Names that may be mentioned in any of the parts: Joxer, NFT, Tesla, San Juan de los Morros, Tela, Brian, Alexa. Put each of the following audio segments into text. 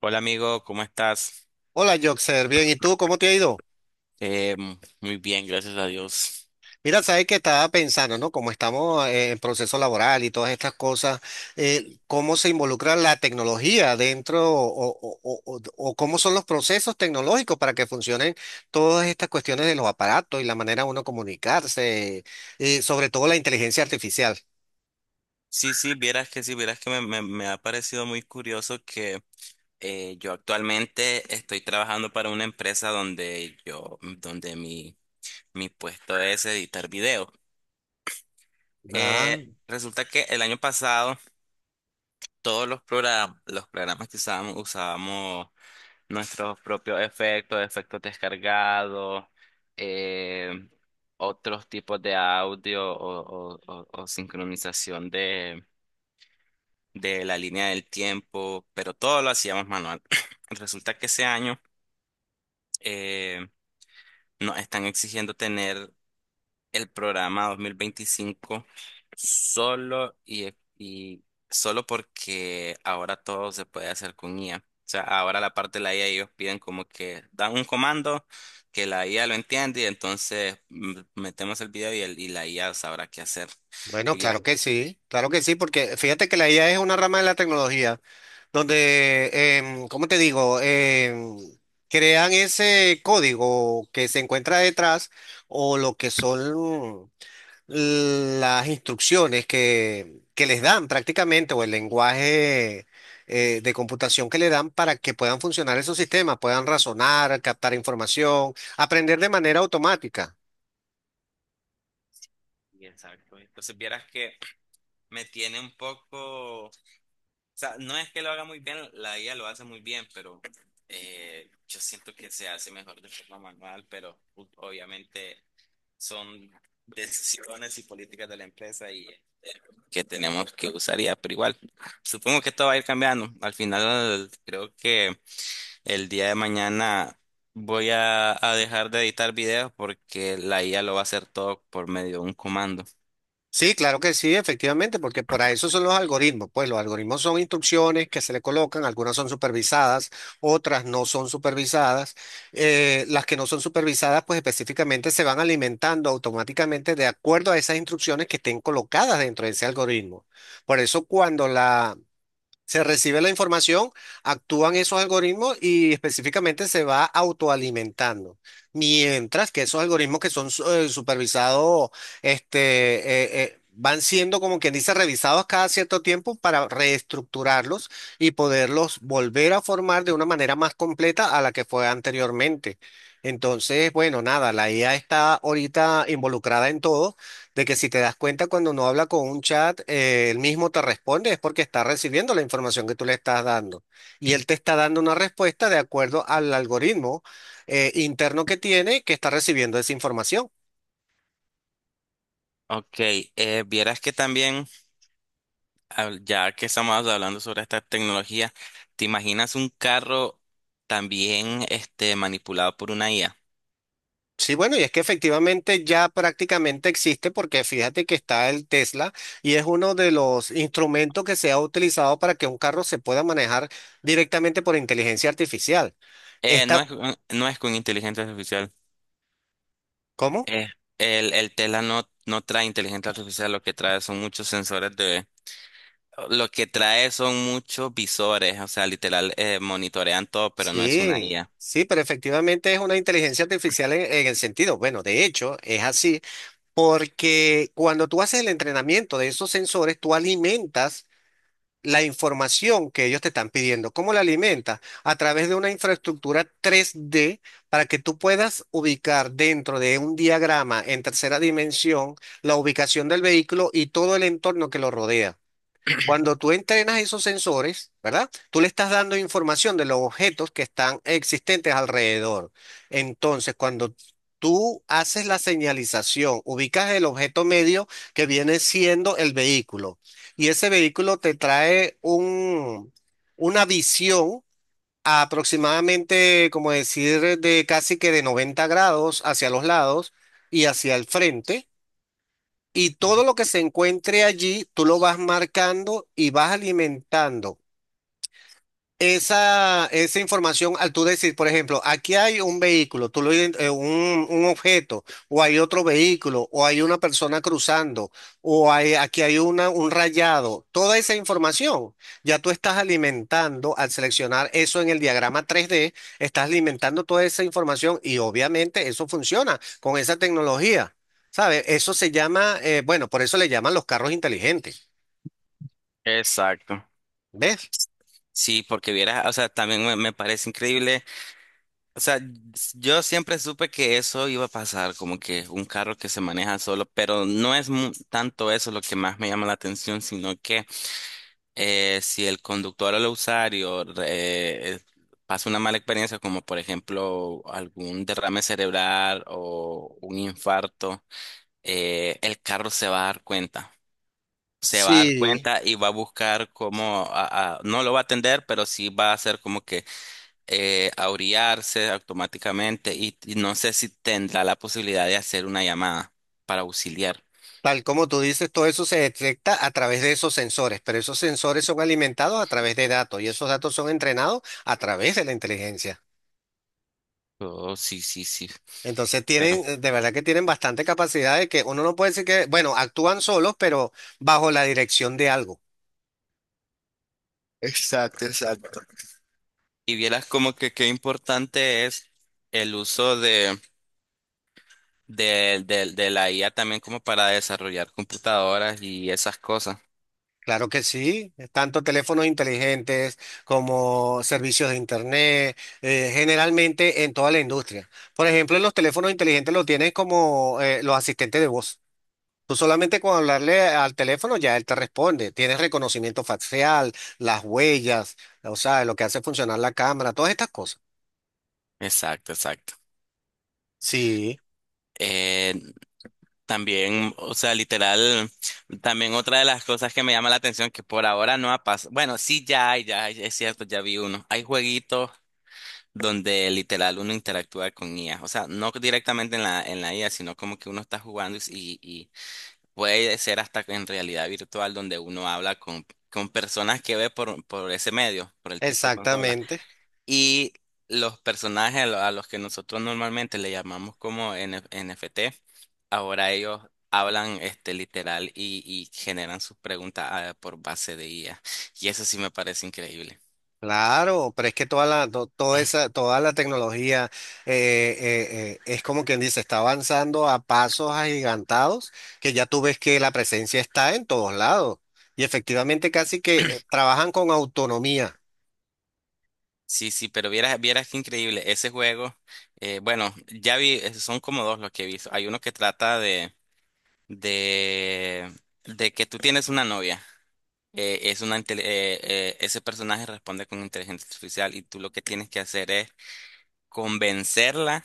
Hola amigo, ¿cómo estás? Hola, Joxer, bien, ¿y tú cómo te ha ido? Muy bien, gracias a Dios. Mira, sabes que estaba pensando, ¿no? Como estamos en proceso laboral y todas estas cosas, ¿cómo se involucra la tecnología dentro o cómo son los procesos tecnológicos para que funcionen todas estas cuestiones de los aparatos y la manera de uno comunicarse, y sobre todo la inteligencia artificial? Sí, sí, vieras que me ha parecido muy curioso que yo actualmente estoy trabajando para una empresa donde yo, donde mi puesto es editar video. Eh, Ah, Resulta que el año pasado todos los programas que usábamos, usábamos nuestros propios efectos, efectos descargados, eh, otros tipos de audio o sincronización de la línea del tiempo, pero todo lo hacíamos manual. Resulta que ese año eh, nos están exigiendo tener el programa 2025 solo y solo porque ahora todo se puede hacer con IA. O sea, ahora la parte de la IA ellos piden como que dan un comando que la IA lo entiende y entonces metemos el video y la IA sabrá qué hacer. bueno, Y vieras, claro que sí, porque fíjate que la IA es una rama de la tecnología. Donde, ¿cómo te digo? Crean ese código que se encuentra detrás o lo que son las instrucciones que les dan prácticamente o el lenguaje de computación que le dan para que puedan funcionar esos sistemas, puedan razonar, captar información, aprender de manera automática. y exacto. Entonces vieras que me tiene un poco, o sea, no es que lo haga muy bien, la IA lo hace muy bien, pero yo siento que se hace mejor de forma manual, pero obviamente son decisiones y políticas de la empresa y que tenemos que usar ya, pero igual, supongo que esto va a ir cambiando. Al final, creo que el día de mañana voy a dejar de editar videos porque la IA lo va a hacer todo por medio de un comando. Sí, claro que sí, efectivamente, porque para eso son los algoritmos. Pues los algoritmos son instrucciones que se le colocan, algunas son supervisadas, otras no son supervisadas. Las que no son supervisadas, pues específicamente se van alimentando automáticamente de acuerdo a esas instrucciones que estén colocadas dentro de ese algoritmo. Por eso se recibe la información, actúan esos algoritmos y específicamente se va autoalimentando. Mientras que esos algoritmos que son supervisados, este, van siendo, como quien dice, revisados cada cierto tiempo para reestructurarlos y poderlos volver a formar de una manera más completa a la que fue anteriormente. Entonces, bueno, nada, la IA está ahorita involucrada en todo, de que si te das cuenta cuando uno habla con un chat, él mismo te responde, es porque está recibiendo la información que tú le estás dando. Y él te está dando una respuesta de acuerdo al algoritmo interno que tiene, que está recibiendo esa información. Ok, vieras que también, ya que estamos hablando sobre esta tecnología, ¿te imaginas un carro también este, manipulado por una IA? Sí, bueno, y es que efectivamente ya prácticamente existe, porque fíjate que está el Tesla y es uno de los instrumentos que se ha utilizado para que un carro se pueda manejar directamente por inteligencia artificial. Eh, no Esta, es, no es con inteligencia artificial. ¿cómo? Eh, el Tela no, no trae inteligencia artificial, lo que trae son muchos sensores de... Lo que trae son muchos visores, o sea, literal, monitorean todo, pero no es una Sí, IA. sí, pero efectivamente es una inteligencia artificial en el sentido, bueno, de hecho es así, porque cuando tú haces el entrenamiento de esos sensores, tú alimentas la información que ellos te están pidiendo. ¿Cómo la alimentas? A través de una infraestructura tres d, para que tú puedas ubicar dentro de un diagrama en tercera dimensión la ubicación del vehículo y todo el entorno que lo rodea. Cuando tú entrenas esos sensores, ¿verdad? Tú le estás dando información de los objetos que están existentes alrededor. Entonces, cuando tú haces la señalización, ubicas el objeto medio, que viene siendo el vehículo, y ese vehículo te trae una visión, aproximadamente, como decir, de casi que de 90 grados hacia los lados y hacia el frente. Y todo lo que se encuentre allí, tú lo vas marcando y vas alimentando. Esa información, al tú decir, por ejemplo, aquí hay un vehículo, tú lo, ident- un objeto, o hay otro vehículo, o hay una persona cruzando, aquí hay un rayado, toda esa información ya tú estás alimentando, al seleccionar eso en el diagrama tres d, estás alimentando toda esa información y obviamente eso funciona con esa tecnología, ¿sabes? Eso se llama, bueno, por eso le llaman los carros inteligentes, Exacto. ¿ves? Sí, porque vieras, o sea, también me parece increíble. O sea, yo siempre supe que eso iba a pasar, como que un carro que se maneja solo, pero no es tanto eso lo que más me llama la atención, sino que si el conductor o el usuario pasa una mala experiencia, como por ejemplo algún derrame cerebral o un infarto, el carro se va a dar cuenta. Se va a dar Sí. cuenta y va a buscar cómo, no lo va a atender, pero sí va a hacer como que a automáticamente y no sé si tendrá la posibilidad de hacer una llamada para auxiliar. Tal como tú dices, todo eso se detecta a través de esos sensores, pero esos sensores son alimentados a través de datos y esos datos son entrenados a través de la inteligencia. Oh, sí, sí, sí, Entonces pero... tienen, de verdad que tienen bastante capacidad, de que uno no puede decir que, bueno, actúan solos, pero bajo la dirección de algo. Exacto, exacto. Y vieras como que qué importante es el uso de la IA también como para desarrollar computadoras y esas cosas. Claro que sí, tanto teléfonos inteligentes como servicios de internet, generalmente en toda la industria. Por ejemplo, en los teléfonos inteligentes lo tienen como los asistentes de voz. Tú solamente con hablarle al teléfono ya él te responde. Tienes reconocimiento facial, las huellas, o sea, lo que hace funcionar la cámara, todas estas cosas. Exacto, exacto. Sí, Eh, También, o sea, literal, también otra de las cosas que me llama la atención que por ahora no ha pasado. Bueno, sí, ya hay, es cierto, ya vi uno. Hay jueguitos donde literal uno interactúa con IA. O sea, no directamente en la IA, sino como que uno está jugando y puede ser hasta en realidad virtual donde uno habla con personas que ve por ese medio, por el tipo de consola. exactamente. Y los personajes a los que nosotros normalmente le llamamos como N NFT, ahora ellos hablan este literal y generan sus preguntas por base de IA. Y eso sí me parece increíble. Claro, pero es que toda esa, toda la tecnología es, como quien dice, está avanzando a pasos agigantados, que ya tú ves que la presencia está en todos lados. Y efectivamente casi que trabajan con autonomía. Sí, sí, pero vieras, vieras qué increíble. Ese juego, bueno, ya vi, son como dos los que he visto. Hay uno que trata de, de que tú tienes una novia. eh, es una, intele- eh, Ese personaje responde con inteligencia artificial y tú lo que tienes que hacer es convencerla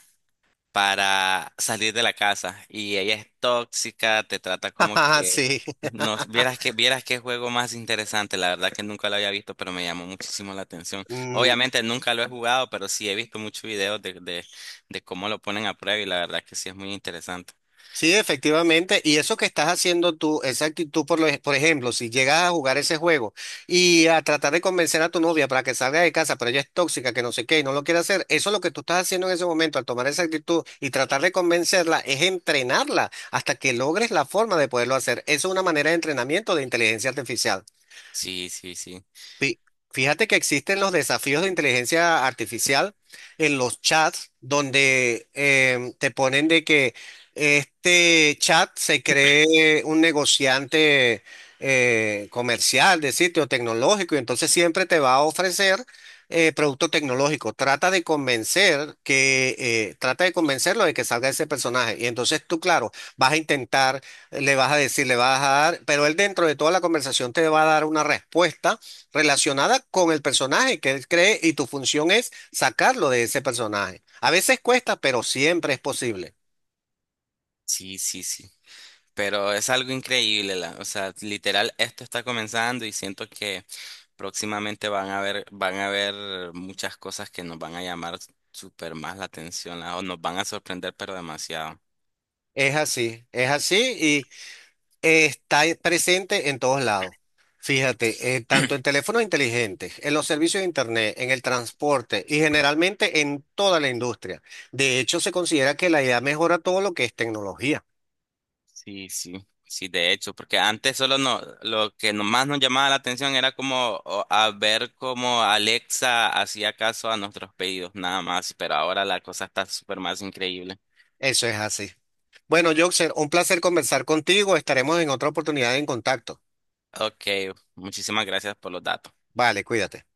para salir de la casa. Y ella es tóxica, te trata como que... Sí. No, vieras que, vieras qué juego más interesante, la verdad que nunca lo había visto, pero me llamó muchísimo la atención. Obviamente nunca lo he jugado, pero sí he visto muchos videos de cómo lo ponen a prueba y la verdad que sí es muy interesante. Sí, efectivamente. Y eso que estás haciendo tú, esa actitud, por ejemplo, si llegas a jugar ese juego y a tratar de convencer a tu novia para que salga de casa, pero ella es tóxica, que no sé qué, y no lo quiere hacer, eso es lo que tú estás haciendo en ese momento, al tomar esa actitud y tratar de convencerla, es entrenarla hasta que logres la forma de poderlo hacer. Eso es una manera de entrenamiento de inteligencia artificial. Sí, sí, sí. Fí- Fíjate que existen los desafíos de inteligencia artificial en los chats, donde te ponen de que este chat se cree un negociante comercial de sitio tecnológico y entonces siempre te va a ofrecer producto tecnológico. Trata de convencerlo de que salga ese personaje y entonces tú, claro, vas a intentar, le vas a decir, le vas a dar, pero él, dentro de toda la conversación, te va a dar una respuesta relacionada con el personaje que él cree, y tu función es sacarlo de ese personaje. A veces cuesta, pero siempre es posible. Sí, sí, sí. Pero es algo increíble, o sea, literal, esto está comenzando y siento que próximamente van a haber muchas cosas que nos van a llamar súper más la atención, o nos van a sorprender, pero demasiado. Es así, es así, y está presente en todos lados. Fíjate, tanto en teléfonos inteligentes, en los servicios de Internet, en el transporte y generalmente en toda la industria. De hecho, se considera que la IA mejora todo lo que es tecnología. Sí, sí, sí, de hecho, porque antes solo no, lo que más nos llamaba la atención era a ver cómo Alexa hacía caso a nuestros pedidos, nada más, pero ahora la cosa está súper más increíble. Eso es así. Bueno, Joxer, un placer conversar contigo. Estaremos en otra oportunidad en contacto. Ok, muchísimas gracias por los datos. Vale, cuídate.